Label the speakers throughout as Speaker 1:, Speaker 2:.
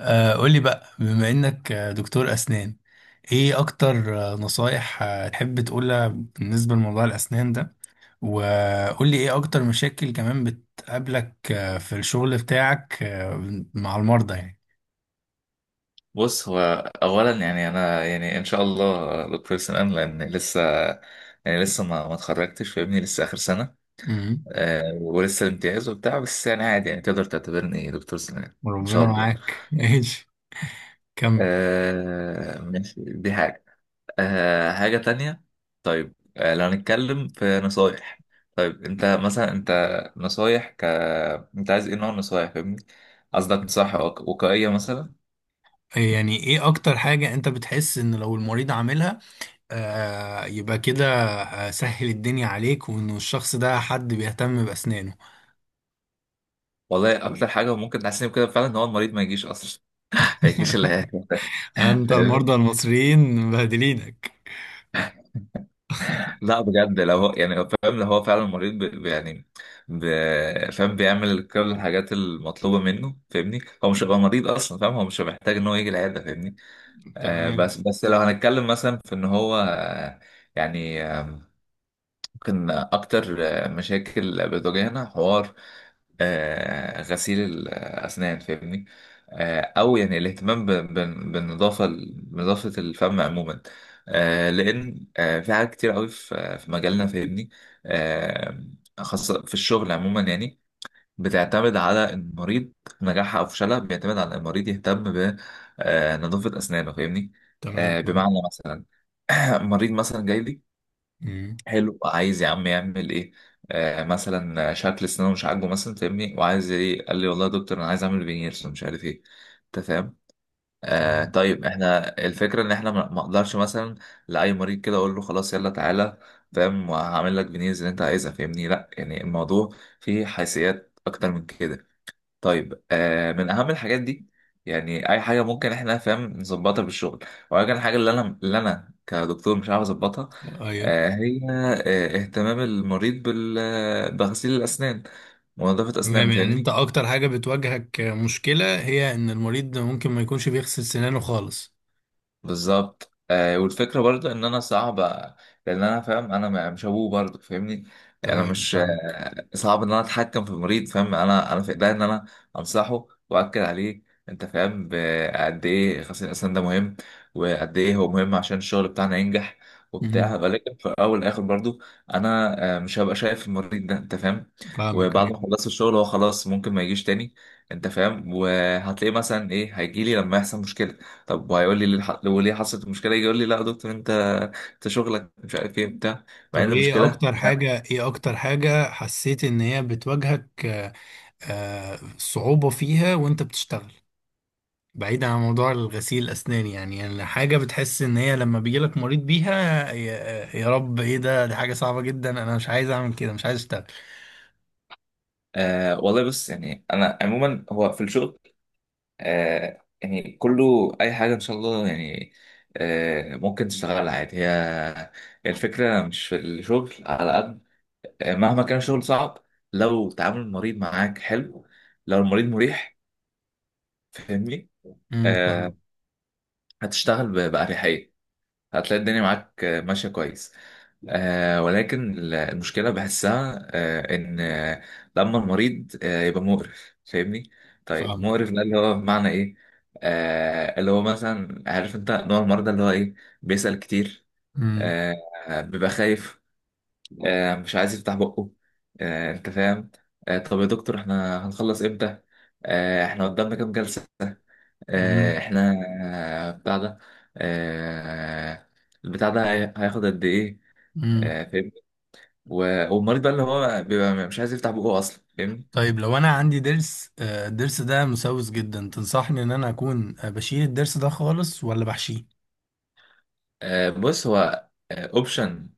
Speaker 1: قولي بقى بما انك دكتور اسنان. ايه اكتر نصايح تحب تقولها بالنسبة لموضوع الاسنان ده؟ وقولي ايه اكتر مشاكل كمان بتقابلك في الشغل بتاعك مع المرضى يعني.
Speaker 2: بص، هو اولا، يعني انا يعني ان شاء الله دكتور سنان لان لسه، يعني لسه ما اتخرجتش، فاهمني، لسه اخر سنه.
Speaker 1: امم
Speaker 2: ولسه الامتياز وبتاع، بس يعني عادي، يعني تقدر تعتبرني دكتور سنان ان شاء
Speaker 1: ربنا
Speaker 2: الله.
Speaker 1: معاك ايش كمل.
Speaker 2: ماشي، دي حاجه. حاجه تانية. طيب، لو هنتكلم في نصايح. طيب انت مثلا، انت نصايح ك انت عايز ايه نوع النصايح، فاهمني، قصدك نصايح وقائيه مثلا؟
Speaker 1: إيه يعني ايه اكتر حاجة انت بتحس ان لو المريض عاملها يبقى كده سهل الدنيا عليك وانه الشخص ده حد بيهتم باسنانه.
Speaker 2: والله اكتر حاجه ممكن تحسني بكده فعلا ان هو المريض ما يجيش اصلا، هيكيس
Speaker 1: انت
Speaker 2: فاهمني؟
Speaker 1: المرضى المصريين مبهدلينك.
Speaker 2: لا بجد، لو هو يعني فاهم، لو هو فعلا مريض، يعني ب... فاهم، بيعمل كل الحاجات المطلوبة منه، فاهمني، هو مش هيبقى مريض اصلا، فاهم، هو مش محتاج ان هو يجي العيادة، فاهمني.
Speaker 1: تمام،
Speaker 2: بس لو هنتكلم مثلا في ان هو، يعني ممكن اكتر مشاكل بتواجهنا حوار، غسيل الأسنان، فاهمني. أو يعني الاهتمام بالنظافة، نظافة الفم عموما، لأن في حاجات كتير قوي في مجالنا، فاهمني، آه، خاصة في الشغل عموما، يعني بتعتمد على المريض، نجاحها أو فشلها بيعتمد على المريض يهتم بنظافة أسنانه، فاهمني.
Speaker 1: تمام.
Speaker 2: بمعنى مثلا، مريض مثلا جاي لي،
Speaker 1: مم،
Speaker 2: حلو، عايز يا عم يعمل ايه، مثلا شكل سنانه مش عاجبه مثلا، فاهمني، وعايز ايه، قال لي والله يا دكتور انا عايز اعمل فينيرز ومش عارف ايه، انت فاهم.
Speaker 1: تمام.
Speaker 2: طيب، احنا الفكره ان احنا ما اقدرش مثلا لاي مريض كده اقول له خلاص يلا تعالى، فاهم، وهعمل لك فينيرز اللي انت عايزها، فاهمني، لا، يعني الموضوع فيه حيثيات اكتر من كده. طيب، من اهم الحاجات دي، يعني اي حاجه ممكن احنا، فاهم، نظبطها بالشغل، ولكن الحاجه اللي انا كدكتور مش عارف اظبطها،
Speaker 1: ايوه.
Speaker 2: هي اهتمام المريض بال آه، بغسيل الاسنان، ونظافه
Speaker 1: تمام،
Speaker 2: اسنانه،
Speaker 1: يعني انت
Speaker 2: فاهمني.
Speaker 1: اكتر حاجه بتواجهك مشكله هي ان المريض ممكن ما يكونش بيغسل سنانه خالص.
Speaker 2: بالظبط، والفكره برضو ان انا صعب، لان انا فاهم انا مش ابوه برضو، فاهمني. يعني انا
Speaker 1: تمام
Speaker 2: مش،
Speaker 1: تمام
Speaker 2: صعب ان انا اتحكم في المريض، فاهم، انا، في ايديا ان انا انصحه واكد عليه، انت فاهم، قد ايه غسيل الاسنان ده مهم، وقد ايه هو مهم عشان الشغل بتاعنا ينجح وبتاع،
Speaker 1: مم،
Speaker 2: ولكن في الاول والاخر برضو، انا مش هبقى شايف المريض ده، انت فاهم.
Speaker 1: فاهمك،
Speaker 2: وبعد
Speaker 1: ايوه.
Speaker 2: ما خلصت الشغل، هو خلاص ممكن ما يجيش تاني، انت فاهم، وهتلاقيه مثلا ايه، هيجي لي لما يحصل مشكله. طب وهيقول لي ليه، الح- لو ليه حصلت المشكله، يجي يقول لي لا يا دكتور، انت شغلك مش عارف ايه بتاع، مع
Speaker 1: طب
Speaker 2: ان
Speaker 1: ايه
Speaker 2: المشكله،
Speaker 1: اكتر حاجه، ايه اكتر حاجه حسيت ان هي بتواجهك صعوبه فيها وانت بتشتغل، بعيدا عن موضوع الغسيل الأسنان، يعني يعني حاجة بتحس إن هي لما بيجيلك مريض بيها يا, يا رب إيه ده، دي حاجة صعبة جدا أنا مش عايز أعمل كده، مش عايز أشتغل.
Speaker 2: والله بص، يعني انا عموما هو في الشغل، يعني كله اي حاجه ان شاء الله، يعني ممكن تشتغلها عادي. هي الفكره مش في الشغل على قد، مهما كان الشغل صعب، لو تعامل المريض معاك حلو، لو المريض مريح، فاهمني،
Speaker 1: فاهمة.
Speaker 2: آه هتشتغل بأريحية، هتلاقي الدنيا معاك، ماشية كويس. ولكن المشكلة بحسها، إن، لما المريض يبقى مقرف، فاهمني؟ طيب،
Speaker 1: فاهمة
Speaker 2: مقرف ده اللي هو بمعنى إيه؟ اللي هو مثلا، عارف أنت نوع المرضى اللي هو إيه؟ بيسأل كتير،
Speaker 1: امم
Speaker 2: آه بيبقى خايف، مش عايز يفتح بقه، أنت فاهم؟ طب يا دكتور إحنا هنخلص إمتى؟ إحنا قدامنا كام جلسة؟
Speaker 1: امم
Speaker 2: إحنا بتاع ده، آه البتاع ده هياخد قد إيه؟
Speaker 1: امم
Speaker 2: فاهمني؟ والمريض بقى اللي هو بيبقى مش عايز يفتح بقه اصلا، فاهمني.
Speaker 1: طيب لو أنا عندي ضرس الضرس ده مسوس جدا، تنصحني إن أنا أكون بشيل الضرس ده خالص ولا بحشيه؟
Speaker 2: بص، هو اوبشن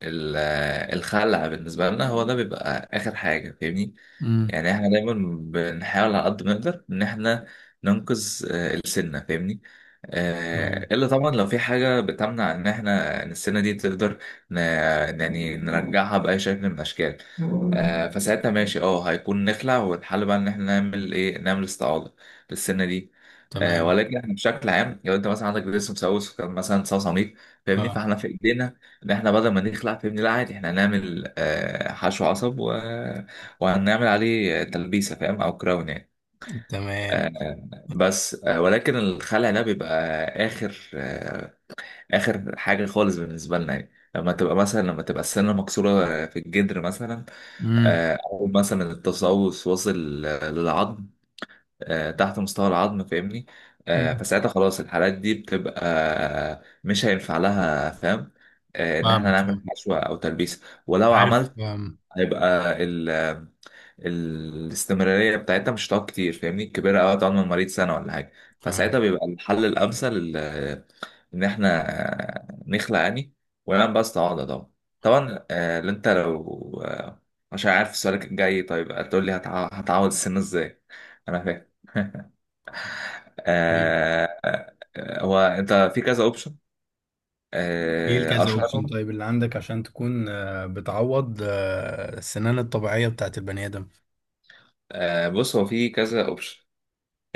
Speaker 2: الخلع بالنسبه لنا هو ده بيبقى اخر حاجه، فاهمني،
Speaker 1: امم
Speaker 2: يعني احنا دايما بنحاول على قد ما نقدر ان احنا ننقذ السنة، فاهمني.
Speaker 1: تمام.
Speaker 2: الا طبعا لو في حاجة بتمنع ان احنا إن السنة دي تقدر ن- يعني نرجعها بأي شكل من الاشكال، فساعتها ماشي، هيكون نخلع، والحل بقى ان احنا نعمل ايه، نعمل استعاضة للسنة دي.
Speaker 1: تمام.
Speaker 2: ولكن احنا بشكل عام، لو انت مثلا عندك جسم مسوس وكان مثلا صميم، فاهمني،
Speaker 1: أه.
Speaker 2: فاحنا في ايدينا ان احنا بدل ما نخلع، فاهمني، لا عادي، احنا هنعمل حشو عصب، وهنعمل عليه تلبيسة، فاهم، أو كراون يعني،
Speaker 1: تمام.
Speaker 2: بس ولكن الخلع ده بيبقى آخر، آخر حاجة خالص بالنسبة لنا، يعني لما تبقى مثلا، لما تبقى السنة مكسورة في الجدر مثلا،
Speaker 1: امم.
Speaker 2: أو مثلا التسوس واصل للعظم، تحت مستوى العظم، فاهمني،
Speaker 1: أمم.
Speaker 2: فساعتها خلاص، الحالات دي بتبقى مش هينفع لها، فاهم، إن إحنا
Speaker 1: فاهمك، فاهمك.
Speaker 2: نعمل حشوة أو تلبيسة، ولو
Speaker 1: عارف،
Speaker 2: عملت
Speaker 1: فاهم،
Speaker 2: هيبقى الاستمرارية بتاعتها مش هتقعد كتير، فاهمني، الكبيرة أوي هتقعد من المريض سنة ولا حاجة.
Speaker 1: فاهم.
Speaker 2: فساعتها بيبقى الحل الأمثل، إن إحنا نخلع يعني، ونعمل بقى استعاضة، طبعا. طبعا اللي أنت لو عشان عارف سؤالك الجاي، طيب، هتقول لي هتعوض السن إزاي، أنا فاهم
Speaker 1: أيوه.
Speaker 2: آه، هو أنت في كذا أوبشن،
Speaker 1: ايه الكذا اوبشن
Speaker 2: أشهرهم،
Speaker 1: طيب اللي عندك عشان تكون بتعوض السنان الطبيعية بتاعت البني ادم؟
Speaker 2: بص هو في كذا أوبشن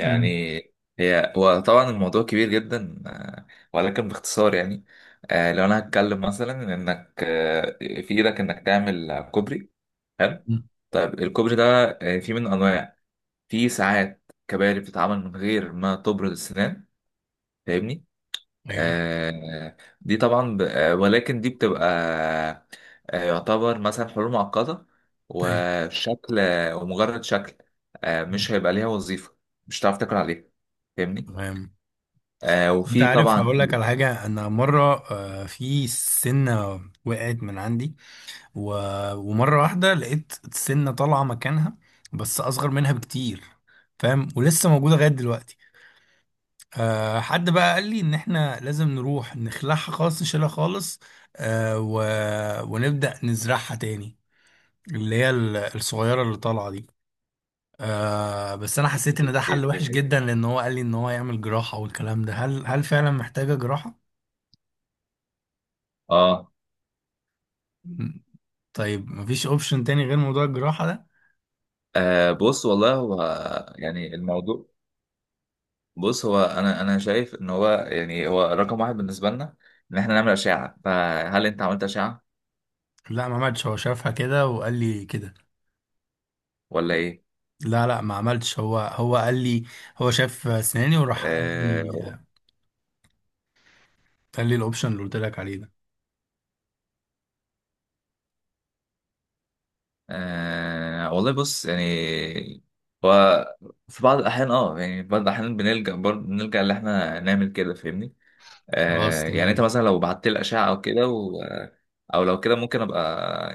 Speaker 1: مم.
Speaker 2: هو طبعا الموضوع كبير جدا، ولكن باختصار يعني، لو انا هتكلم مثلا انك في ايدك انك تعمل كوبري، حلو،
Speaker 1: مم.
Speaker 2: طيب الكوبري ده في منه انواع، في ساعات كباري بتتعمل من غير ما تبرد السنان، فاهمني.
Speaker 1: ايوه،
Speaker 2: دي طبعا، ولكن دي بتبقى يعتبر مثلا حلول معقدة،
Speaker 1: ايوه.
Speaker 2: وشكل، ومجرد شكل، مش هيبقى ليها وظيفة، مش هتعرف تاكل عليها، فاهمني.
Speaker 1: تمام. انت
Speaker 2: وفي
Speaker 1: عارف،
Speaker 2: طبعا.
Speaker 1: هقول لك على حاجة. انا مرة في سنة وقعت من عندي و... ومرة واحدة لقيت السنة طالعة مكانها، بس اصغر منها بكتير، فاهم، ولسه موجودة لغاية دلوقتي. أه، حد بقى قال لي ان احنا لازم نروح نخلعها خالص، نشيلها خالص، أه و... ونبدأ نزرعها تاني، اللي هي الصغيرة اللي طالعة دي. آه بس أنا حسيت إن ده حل وحش جدا لأن هو قال لي إن هو يعمل جراحة والكلام ده. هل فعلا محتاجة جراحة؟
Speaker 2: اه,
Speaker 1: مم. طيب مفيش أوبشن تاني غير موضوع الجراحة ده؟
Speaker 2: بص والله، هو يعني الموضوع، بص هو انا شايف ان هو يعني هو رقم واحد بالنسبه لنا، ان احنا نعمل اشعه، فهل انت عملت اشعه
Speaker 1: لا، ما عملتش، هو شافها كده وقال لي كده.
Speaker 2: ولا ايه؟
Speaker 1: لا، لا، ما عملتش، هو قال لي، هو شاف أسناني وراح قال لي،
Speaker 2: آه
Speaker 1: قال لي الأوبشن اللي قلت لك عليه ده.
Speaker 2: والله بص، يعني هو في بعض الاحيان، يعني في بعض الاحيان بنلجا ان احنا نعمل كده، فاهمني؟
Speaker 1: خلاص،
Speaker 2: يعني انت
Speaker 1: تمام.
Speaker 2: مثلا، لو بعت لي الاشعه او كده او لو كده ممكن ابقى،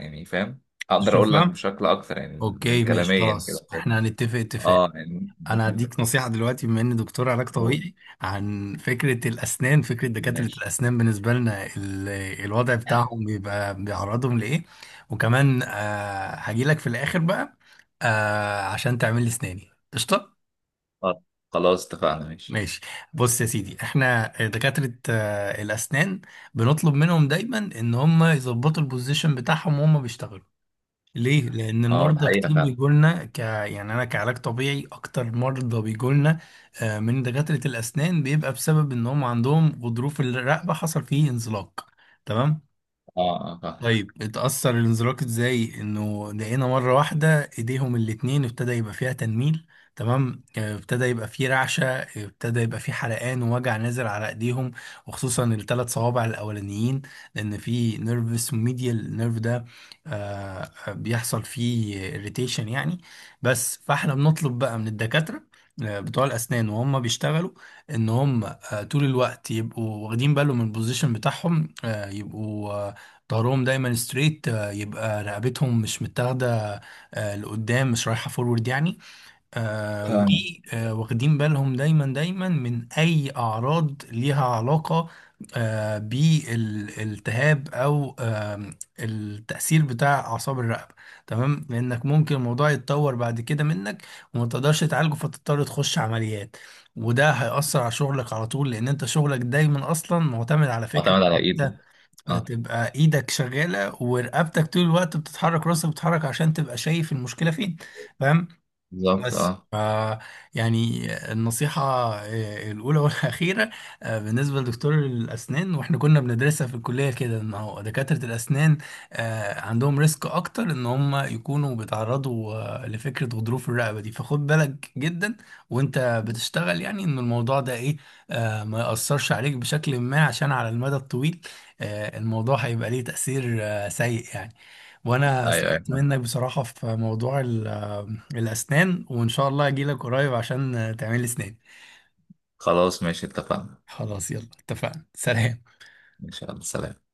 Speaker 2: يعني فاهم، اقدر اقول لك
Speaker 1: تشوفها؟
Speaker 2: بشكل اكتر يعني من
Speaker 1: أوكي، ماشي،
Speaker 2: كلاميا كده،
Speaker 1: خلاص،
Speaker 2: فاهم؟
Speaker 1: إحنا هنتفق اتفاق.
Speaker 2: اه، يعني
Speaker 1: انا
Speaker 2: ممكن.
Speaker 1: هديك نصيحه دلوقتي بما اني دكتور علاج
Speaker 2: أقول.
Speaker 1: طبيعي، عن فكره الاسنان، فكره دكاتره
Speaker 2: ماشي.
Speaker 1: الاسنان بالنسبه لنا. الوضع بتاعهم بيبقى بيعرضهم لايه، وكمان آه هجيلك في الاخر بقى، آه عشان تعمل لي اسناني قشطه.
Speaker 2: آه، خلاص اتفقنا. ماشي.
Speaker 1: ماشي. بص يا سيدي، احنا دكاتره الاسنان، بنطلب منهم دايما ان هم يظبطوا البوزيشن بتاعهم وهم بيشتغلوا. ليه؟ لأن
Speaker 2: اه، ده
Speaker 1: المرضى
Speaker 2: حقيقة
Speaker 1: كتير
Speaker 2: فعلا.
Speaker 1: بيجولنا، ك يعني أنا كعلاج طبيعي أكتر مرضى بيجولنا من دكاترة الأسنان بيبقى بسبب إن هم عندهم غضروف الرقبة حصل فيه انزلاق، تمام؟
Speaker 2: اه، اه، فاهمك.
Speaker 1: طيب اتأثر الانزلاق ازاي، انه لقينا مرة واحدة ايديهم الاتنين ابتدى يبقى فيها تنميل. تمام، ابتدى يبقى فيه رعشة، ابتدى يبقى فيه حرقان ووجع نازل على ايديهم، وخصوصا الثلاث صوابع الاولانيين، لان في نيرفس، ميديال نيرف ده بيحصل فيه اريتيشن يعني. بس فاحنا بنطلب بقى من الدكاترة بتوع الاسنان وهم بيشتغلوا ان هم طول الوقت يبقوا واخدين بالهم من البوزيشن بتاعهم، يبقوا ظهرهم دايما ستريت، يبقى رقبتهم مش متاخده لقدام، مش رايحه فورورد يعني. آه،
Speaker 2: فاهم.
Speaker 1: ودي آه، واخدين بالهم دايما دايما من اي اعراض ليها علاقه بالالتهاب او التاثير بتاع اعصاب الرقبه. تمام، لانك ممكن الموضوع يتطور بعد كده منك وما تقدرش تعالجه فتضطر تخش عمليات، وده هيأثر على شغلك على طول، لأن أنت شغلك دايما أصلا معتمد على فكرة
Speaker 2: اعتمد على ايد. اه،
Speaker 1: تبقى ايدك شغالة ورقبتك طول الوقت بتتحرك، راسك بتتحرك عشان تبقى شايف المشكلة فين، فاهم.
Speaker 2: بالظبط.
Speaker 1: بس
Speaker 2: اه.
Speaker 1: ف يعني النصيحة الأولى والأخيرة بالنسبة لدكتور الأسنان، وإحنا كنا بندرسها في الكلية كده، إن هو دكاترة الأسنان عندهم ريسك أكتر إن هم يكونوا بيتعرضوا لفكرة غضروف الرقبة دي، فخد بالك جدا وإنت بتشتغل، يعني إن الموضوع ده إيه ما يأثرش عليك بشكل ما، عشان على المدى الطويل الموضوع هيبقى ليه تأثير سيء يعني. وأنا
Speaker 2: ايوه،
Speaker 1: استفدت
Speaker 2: ايوه.
Speaker 1: منك بصراحة في موضوع الأسنان، وإن شاء الله أجيلك قريب عشان تعمل لي أسنان.
Speaker 2: خلاص ماشي، اتفقنا
Speaker 1: خلاص يلا، اتفقنا، سلام.
Speaker 2: ان شاء الله. سلام.